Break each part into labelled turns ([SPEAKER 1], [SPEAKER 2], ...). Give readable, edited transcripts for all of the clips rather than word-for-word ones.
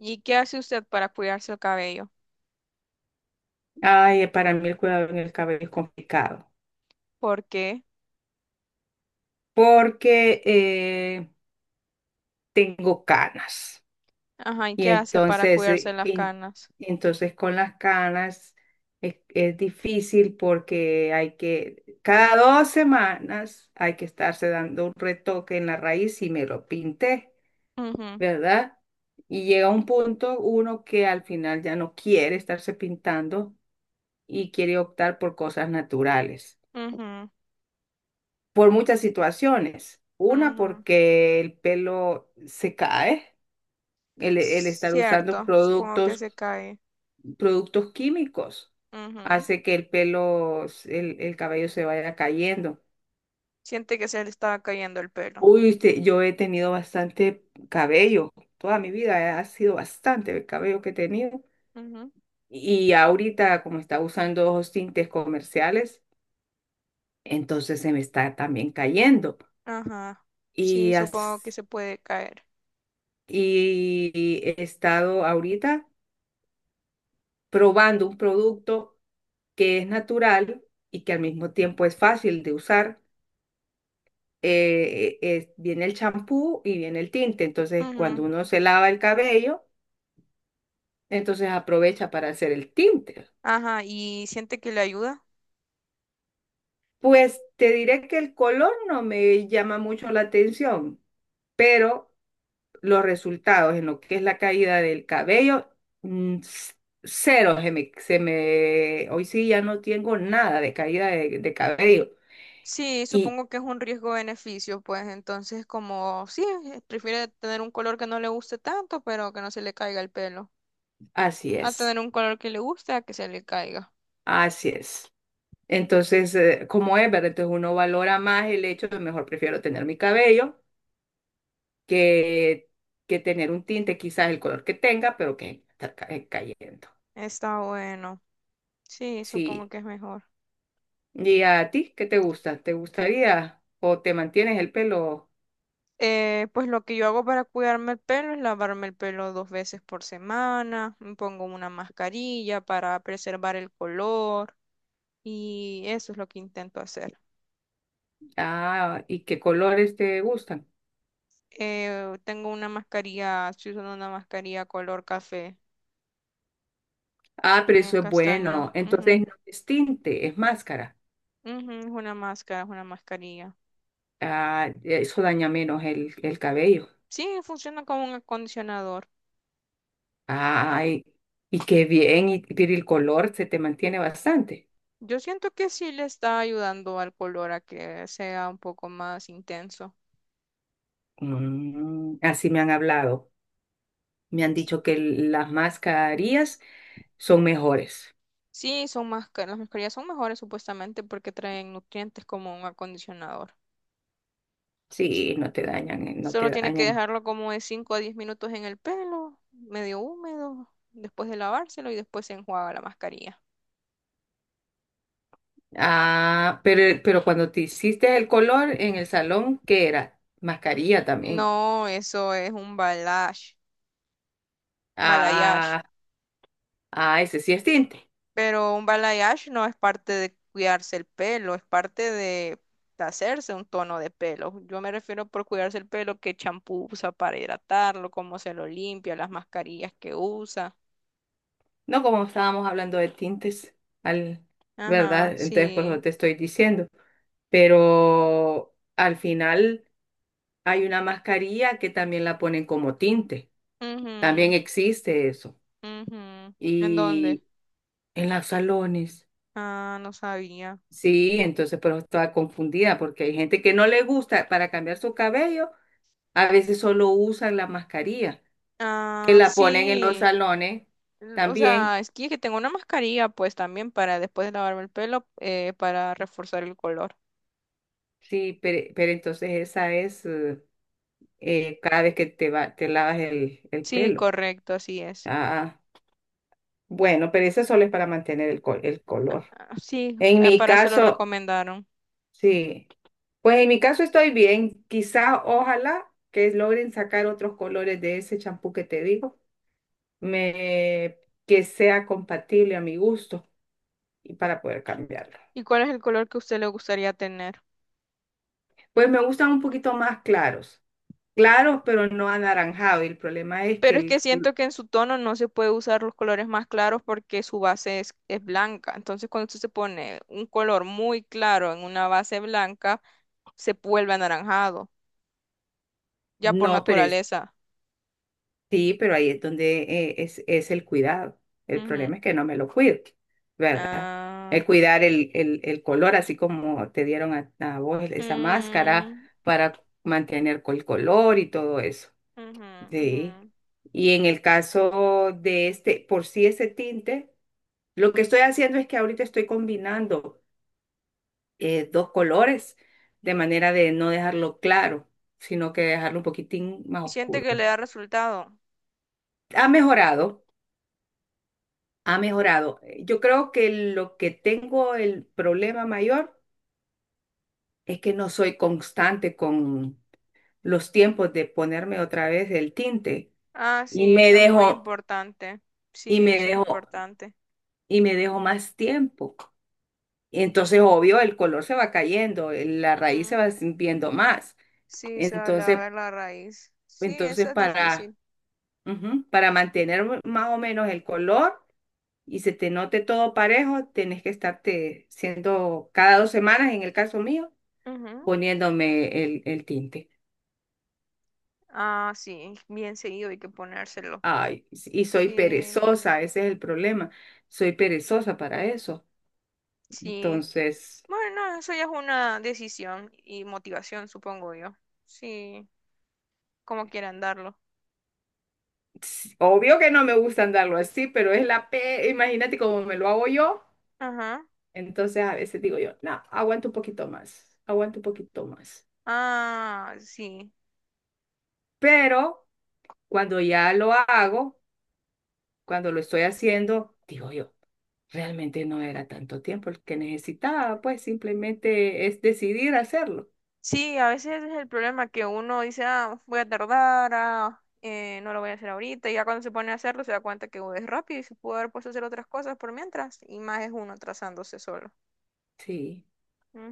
[SPEAKER 1] ¿Y qué hace usted para cuidarse el cabello?
[SPEAKER 2] Ay, para mí el cuidado en el cabello es complicado
[SPEAKER 1] ¿Por qué?
[SPEAKER 2] porque tengo canas
[SPEAKER 1] Ajá, ¿y
[SPEAKER 2] y
[SPEAKER 1] qué hace para
[SPEAKER 2] entonces,
[SPEAKER 1] cuidarse las canas?
[SPEAKER 2] entonces con las canas es difícil porque hay que, cada 2 semanas hay que estarse dando un retoque en la raíz y me lo pinté,
[SPEAKER 1] Ujú,
[SPEAKER 2] ¿verdad? Y llega un punto uno que al final ya no quiere estarse pintando y quiere optar por cosas naturales.
[SPEAKER 1] ujú,
[SPEAKER 2] Por muchas situaciones. Una,
[SPEAKER 1] ujú.
[SPEAKER 2] porque el pelo se cae, el estar usando
[SPEAKER 1] Cierto, supongo que
[SPEAKER 2] productos,
[SPEAKER 1] se cae.
[SPEAKER 2] productos químicos
[SPEAKER 1] Ujú.
[SPEAKER 2] hace que el pelo, el cabello se vaya cayendo.
[SPEAKER 1] Siente que se le estaba cayendo el pelo.
[SPEAKER 2] Uy, yo he tenido bastante cabello, toda mi vida ha sido bastante el cabello que he tenido.
[SPEAKER 1] Ujú.
[SPEAKER 2] Y ahorita, como está usando ojos tintes comerciales, entonces se me está también cayendo.
[SPEAKER 1] Ajá, sí,
[SPEAKER 2] Y
[SPEAKER 1] supongo que se puede caer.
[SPEAKER 2] y he estado ahorita probando un producto que es natural y que al mismo tiempo es fácil de usar. Viene el champú y viene el tinte. Entonces,
[SPEAKER 1] Ujú.
[SPEAKER 2] cuando uno se lava el cabello, entonces aprovecha para hacer el tinte.
[SPEAKER 1] Ajá, ¿y siente que le ayuda?
[SPEAKER 2] Pues te diré que el color no me llama mucho la atención, pero los resultados en lo que es la caída del cabello, mm, c- cero, hoy sí ya no tengo nada de caída de cabello.
[SPEAKER 1] Sí,
[SPEAKER 2] Y
[SPEAKER 1] supongo que es un riesgo-beneficio, pues entonces como sí, prefiere tener un color que no le guste tanto, pero que no se le caiga el pelo.
[SPEAKER 2] así
[SPEAKER 1] A
[SPEAKER 2] es.
[SPEAKER 1] tener un color que le guste, a que se le caiga.
[SPEAKER 2] Así es. Entonces, como es, ¿verdad? Entonces uno valora más el hecho de mejor prefiero tener mi cabello que, que tener un tinte, quizás el color que tenga, pero que está cayendo.
[SPEAKER 1] Está bueno. Sí, supongo
[SPEAKER 2] Sí.
[SPEAKER 1] que es mejor.
[SPEAKER 2] ¿Y a ti qué te gusta? ¿Te gustaría o te mantienes el pelo?
[SPEAKER 1] Pues lo que yo hago para cuidarme el pelo es lavarme el pelo dos veces por semana, me pongo una mascarilla para preservar el color y eso es lo que intento hacer.
[SPEAKER 2] Ah, ¿y qué colores te gustan?
[SPEAKER 1] Tengo una mascarilla, estoy usando una mascarilla color café,
[SPEAKER 2] Ah, pero eso es
[SPEAKER 1] castaño.
[SPEAKER 2] bueno.
[SPEAKER 1] Ujú,
[SPEAKER 2] Entonces no es tinte, es máscara.
[SPEAKER 1] ujú, es una máscara, es una mascarilla.
[SPEAKER 2] Ah, eso daña menos el cabello.
[SPEAKER 1] Sí, funciona como un acondicionador.
[SPEAKER 2] Ay, y qué bien, y, pero el color se te mantiene bastante.
[SPEAKER 1] Yo siento que sí le está ayudando al color a que sea un poco más intenso.
[SPEAKER 2] Así me han hablado. Me han dicho que el- las mascarillas son mejores.
[SPEAKER 1] Sí, son más, ca- las mascarillas son mejores supuestamente porque traen nutrientes como un acondicionador. S-
[SPEAKER 2] Sí, no te dañan, no
[SPEAKER 1] Solo
[SPEAKER 2] te
[SPEAKER 1] tiene que
[SPEAKER 2] dañan.
[SPEAKER 1] dejarlo como de 5 a 10 minutos en el pelo, medio húmedo, después de lavárselo y después se enjuaga la mascarilla.
[SPEAKER 2] Ah, pero cuando te hiciste el color en el salón, ¿qué era? Mascarilla también.
[SPEAKER 1] No, eso es un balayage, balayage.
[SPEAKER 2] Ah, ah, ese sí es tinte.
[SPEAKER 1] Pero un balayage no es parte de cuidarse el pelo, es parte de hacerse un tono de pelo. Yo me refiero por cuidarse el pelo, qué champú usa para hidratarlo, cómo se lo limpia, las mascarillas que usa.
[SPEAKER 2] No como estábamos hablando de tintes, al,
[SPEAKER 1] Ajá,
[SPEAKER 2] ¿verdad? Entonces, por
[SPEAKER 1] sí.
[SPEAKER 2] eso te estoy diciendo. Pero al final. Hay una mascarilla que también la ponen como tinte. También
[SPEAKER 1] Ujú,
[SPEAKER 2] existe eso.
[SPEAKER 1] ujú. ¿En dónde?
[SPEAKER 2] Y en los salones.
[SPEAKER 1] Ah, no sabía.
[SPEAKER 2] Sí, entonces, pero estaba confundida porque hay gente que no le gusta para cambiar su cabello, a veces solo usan la mascarilla, que
[SPEAKER 1] Ah,
[SPEAKER 2] la ponen en los
[SPEAKER 1] sí.
[SPEAKER 2] salones
[SPEAKER 1] L- O
[SPEAKER 2] también.
[SPEAKER 1] sea, es que tengo una mascarilla, pues también para después de lavarme el pelo, para reforzar el color.
[SPEAKER 2] Sí, pero entonces esa es cada vez que te va, te lavas el
[SPEAKER 1] Sí,
[SPEAKER 2] pelo.
[SPEAKER 1] correcto, así es.
[SPEAKER 2] Ah, bueno, pero esa solo es para mantener el color.
[SPEAKER 1] Sí,
[SPEAKER 2] En mi
[SPEAKER 1] para eso lo
[SPEAKER 2] caso,
[SPEAKER 1] recomendaron.
[SPEAKER 2] sí. Pues en mi caso estoy bien. Quizás, ojalá que logren sacar otros colores de ese champú que te digo, me, que sea compatible a mi gusto y para poder cambiarlo.
[SPEAKER 1] ¿Y cuál es el color que a usted le gustaría tener?
[SPEAKER 2] Pues me gustan un poquito más claros. Claros, pero no anaranjado. Y el problema es que
[SPEAKER 1] Pero es
[SPEAKER 2] el-
[SPEAKER 1] que siento que en su tono no se puede usar los colores más claros porque su base es blanca. Entonces, cuando usted se pone un color muy claro en una base blanca, se vuelve anaranjado, ya por
[SPEAKER 2] no, pero es-
[SPEAKER 1] naturaleza.
[SPEAKER 2] sí, pero ahí es donde es el cuidado. El
[SPEAKER 1] Ujú.
[SPEAKER 2] problema es que no me lo cuido, ¿verdad?
[SPEAKER 1] Ah,
[SPEAKER 2] El cuidar el color, así como te dieron a vos esa máscara
[SPEAKER 1] mm,
[SPEAKER 2] para mantener el color y todo eso.
[SPEAKER 1] ujú, ujú.
[SPEAKER 2] Sí. Y en el caso de este, por sí ese tinte, lo que estoy haciendo es que ahorita estoy combinando dos colores de manera de no dejarlo claro, sino que dejarlo un poquitín más
[SPEAKER 1] Y siente
[SPEAKER 2] oscuro.
[SPEAKER 1] que le da resultado.
[SPEAKER 2] Ha mejorado, ha mejorado. Yo creo que lo que tengo el problema mayor es que no soy constante los tiempos de ponerme otra vez el tinte
[SPEAKER 1] Ah,
[SPEAKER 2] y
[SPEAKER 1] sí,
[SPEAKER 2] me
[SPEAKER 1] eso es muy
[SPEAKER 2] dejo
[SPEAKER 1] importante. Sí,
[SPEAKER 2] y me
[SPEAKER 1] eso es
[SPEAKER 2] dejo
[SPEAKER 1] importante.
[SPEAKER 2] y me dejo más tiempo. Entonces, obvio, el color se va cayendo, la raíz se va sintiendo más.
[SPEAKER 1] Sí, se va a
[SPEAKER 2] Entonces,
[SPEAKER 1] ver la raíz. Sí, eso
[SPEAKER 2] entonces
[SPEAKER 1] es
[SPEAKER 2] para
[SPEAKER 1] difícil.
[SPEAKER 2] ujú, para mantener más o menos el color y se te note todo parejo, tenés que estarte siendo cada 2 semanas, en el caso mío,
[SPEAKER 1] Ujú.
[SPEAKER 2] poniéndome el tinte.
[SPEAKER 1] Ah, sí, bien seguido hay que ponérselo.
[SPEAKER 2] Ay, y soy
[SPEAKER 1] Sí,
[SPEAKER 2] perezosa, ese es el problema. Soy perezosa para eso.
[SPEAKER 1] sí.
[SPEAKER 2] Entonces,
[SPEAKER 1] Bueno, eso ya es una decisión y motivación, supongo yo. Sí, como quieran darlo.
[SPEAKER 2] s- obvio que no me gusta andarlo así, pero es la P, imagínate cómo me lo hago yo.
[SPEAKER 1] Ajá.
[SPEAKER 2] Entonces a veces digo yo, no, aguanto un poquito más, aguanto un poquito más.
[SPEAKER 1] Ah, sí.
[SPEAKER 2] Pero cuando ya lo hago, cuando lo estoy haciendo, digo yo, realmente no era tanto tiempo el que necesitaba, pues simplemente es decidir hacerlo.
[SPEAKER 1] Sí, a veces ese es el problema que uno dice, ah, voy a tardar, ah, no lo voy a hacer ahorita. Y ya cuando se pone a hacerlo se da cuenta que es rápido y se pudo haber puesto a hacer otras cosas por mientras. Y más es uno atrasándose solo.
[SPEAKER 2] Sí.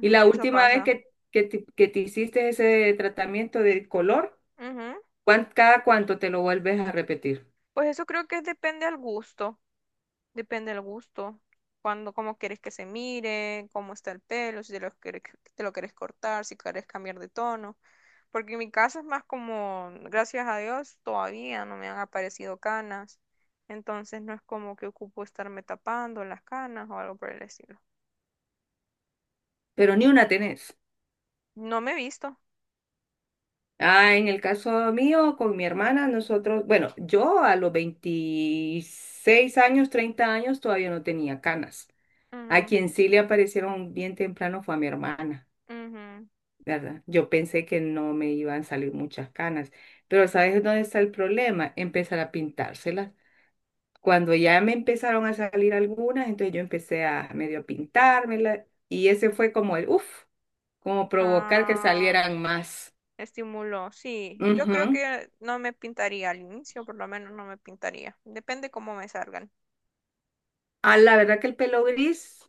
[SPEAKER 2] Y la
[SPEAKER 1] eso
[SPEAKER 2] última vez
[SPEAKER 1] pasa.
[SPEAKER 2] que te hiciste ese tratamiento de color,
[SPEAKER 1] Ujú.
[SPEAKER 2] ¿cada cuánto te lo vuelves a repetir?
[SPEAKER 1] Pues eso creo que depende al gusto, cuando, cómo quieres que se mire, cómo está el pelo, si te lo quieres, te lo quieres cortar, si quieres cambiar de tono, porque en mi caso es más como, gracias a Dios, todavía no me han aparecido canas, entonces no es como que ocupo estarme tapando las canas o algo por el estilo.
[SPEAKER 2] Pero ni una tenés.
[SPEAKER 1] No me he visto.
[SPEAKER 2] Ah, en el caso mío, con mi hermana, nosotros, bueno, yo a los 26 años, 30 años, todavía no tenía canas. A quien sí le aparecieron bien temprano fue a mi hermana,
[SPEAKER 1] Ujú, ujú.
[SPEAKER 2] ¿verdad? Yo pensé que no me iban a salir muchas canas, pero ¿sabes dónde está el problema? Empezar a pintárselas. Cuando ya me empezaron a salir algunas, entonces yo empecé a medio pintármelas y ese fue como el, uff, como provocar que
[SPEAKER 1] Ah,
[SPEAKER 2] salieran más.
[SPEAKER 1] estímulo, sí. Yo creo
[SPEAKER 2] Ujú.
[SPEAKER 1] que no me pintaría al inicio, por lo menos no me pintaría. Depende cómo me salgan.
[SPEAKER 2] Ah, la verdad que el pelo gris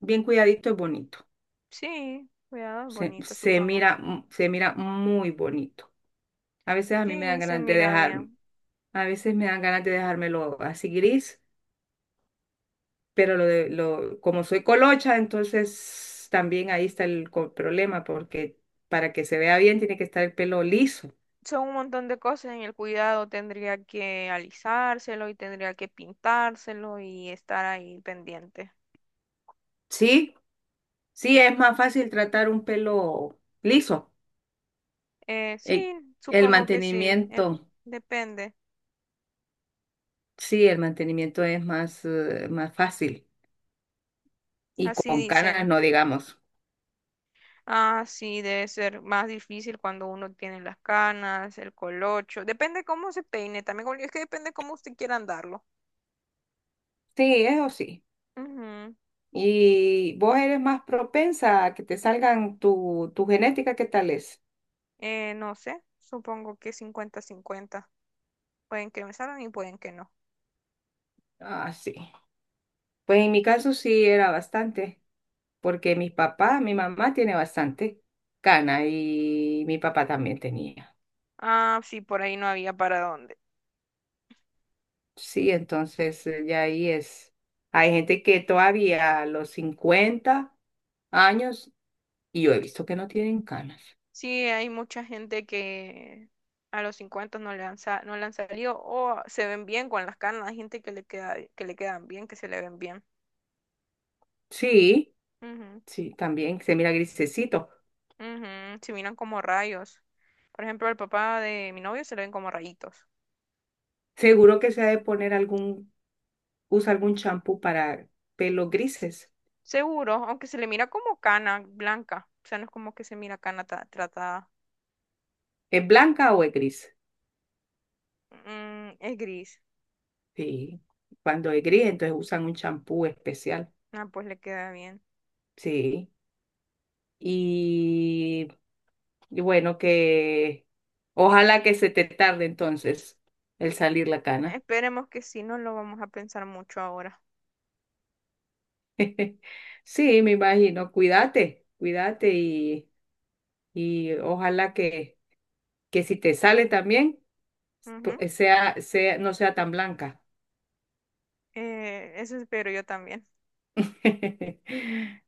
[SPEAKER 2] bien cuidadito es bonito.
[SPEAKER 1] Sí, cuidado es
[SPEAKER 2] Se,
[SPEAKER 1] bonito, supongo.
[SPEAKER 2] se mira muy bonito. A veces a mí me dan
[SPEAKER 1] Sí, se
[SPEAKER 2] ganas de
[SPEAKER 1] mira
[SPEAKER 2] dejarme.
[SPEAKER 1] bien.
[SPEAKER 2] A veces me dan ganas de dejármelo así gris, pero lo de, lo, como soy colocha, entonces también ahí está el problema, porque para que se vea bien tiene que estar el pelo liso.
[SPEAKER 1] Son un montón de cosas en el cuidado. Tendría que alisárselo y tendría que pintárselo y estar ahí pendiente.
[SPEAKER 2] Sí, sí, es más fácil tratar un pelo liso. Eh,
[SPEAKER 1] Sí,
[SPEAKER 2] El
[SPEAKER 1] supongo que sí.
[SPEAKER 2] mantenimiento,
[SPEAKER 1] Depende.
[SPEAKER 2] sí, el mantenimiento es más, más fácil. Y
[SPEAKER 1] Así
[SPEAKER 2] con canas
[SPEAKER 1] dicen.
[SPEAKER 2] no digamos.
[SPEAKER 1] Ah, sí, debe ser más difícil cuando uno tiene las canas, el colocho. Depende cómo se peine, también como- es que depende cómo usted quiera andarlo.
[SPEAKER 2] Sí, eso sí.
[SPEAKER 1] Ujú.
[SPEAKER 2] Y vos eres más propensa a que te salgan tu genética, ¿qué tal es?
[SPEAKER 1] No sé, supongo que 50-50. Pueden que me salgan y pueden que no.
[SPEAKER 2] Ah, sí. Pues en mi caso sí era bastante, porque mi papá, mi mamá tiene bastante cana y mi papá también tenía.
[SPEAKER 1] Ah, sí, por ahí no había para dónde.
[SPEAKER 2] Sí, entonces ya ahí es. Hay gente que todavía a los 50 años, y yo he visto que no tienen canas.
[SPEAKER 1] Sí, hay mucha gente que a los 50 no le han, sa- no le han salido o se ven bien con las canas. Hay gente que le queda, que le quedan bien, que se le ven bien.
[SPEAKER 2] Sí,
[SPEAKER 1] Ujú.
[SPEAKER 2] sí, también se mira grisecito.
[SPEAKER 1] Ujú, se miran como rayos. Por ejemplo, al papá de mi novio se le ven como rayitos.
[SPEAKER 2] Seguro que se ha de poner algún usa algún champú para pelos grises.
[SPEAKER 1] Seguro, aunque se le mira como cana blanca. O sea, no es como que se mira cana ta- tratada.
[SPEAKER 2] ¿Es blanca o es gris?
[SPEAKER 1] Mm, es gris.
[SPEAKER 2] Sí. Cuando es gris, entonces usan un champú especial.
[SPEAKER 1] Ah, pues le queda bien.
[SPEAKER 2] Sí. Y, y bueno, que ojalá que se te tarde entonces el salir la cana.
[SPEAKER 1] Esperemos que sí, no lo vamos a pensar mucho ahora.
[SPEAKER 2] Sí, me imagino. Cuídate, cuídate y ojalá que si te sale también, pu-
[SPEAKER 1] Ujú.
[SPEAKER 2] sea, sea, no sea tan blanca.
[SPEAKER 1] Eso espero yo también.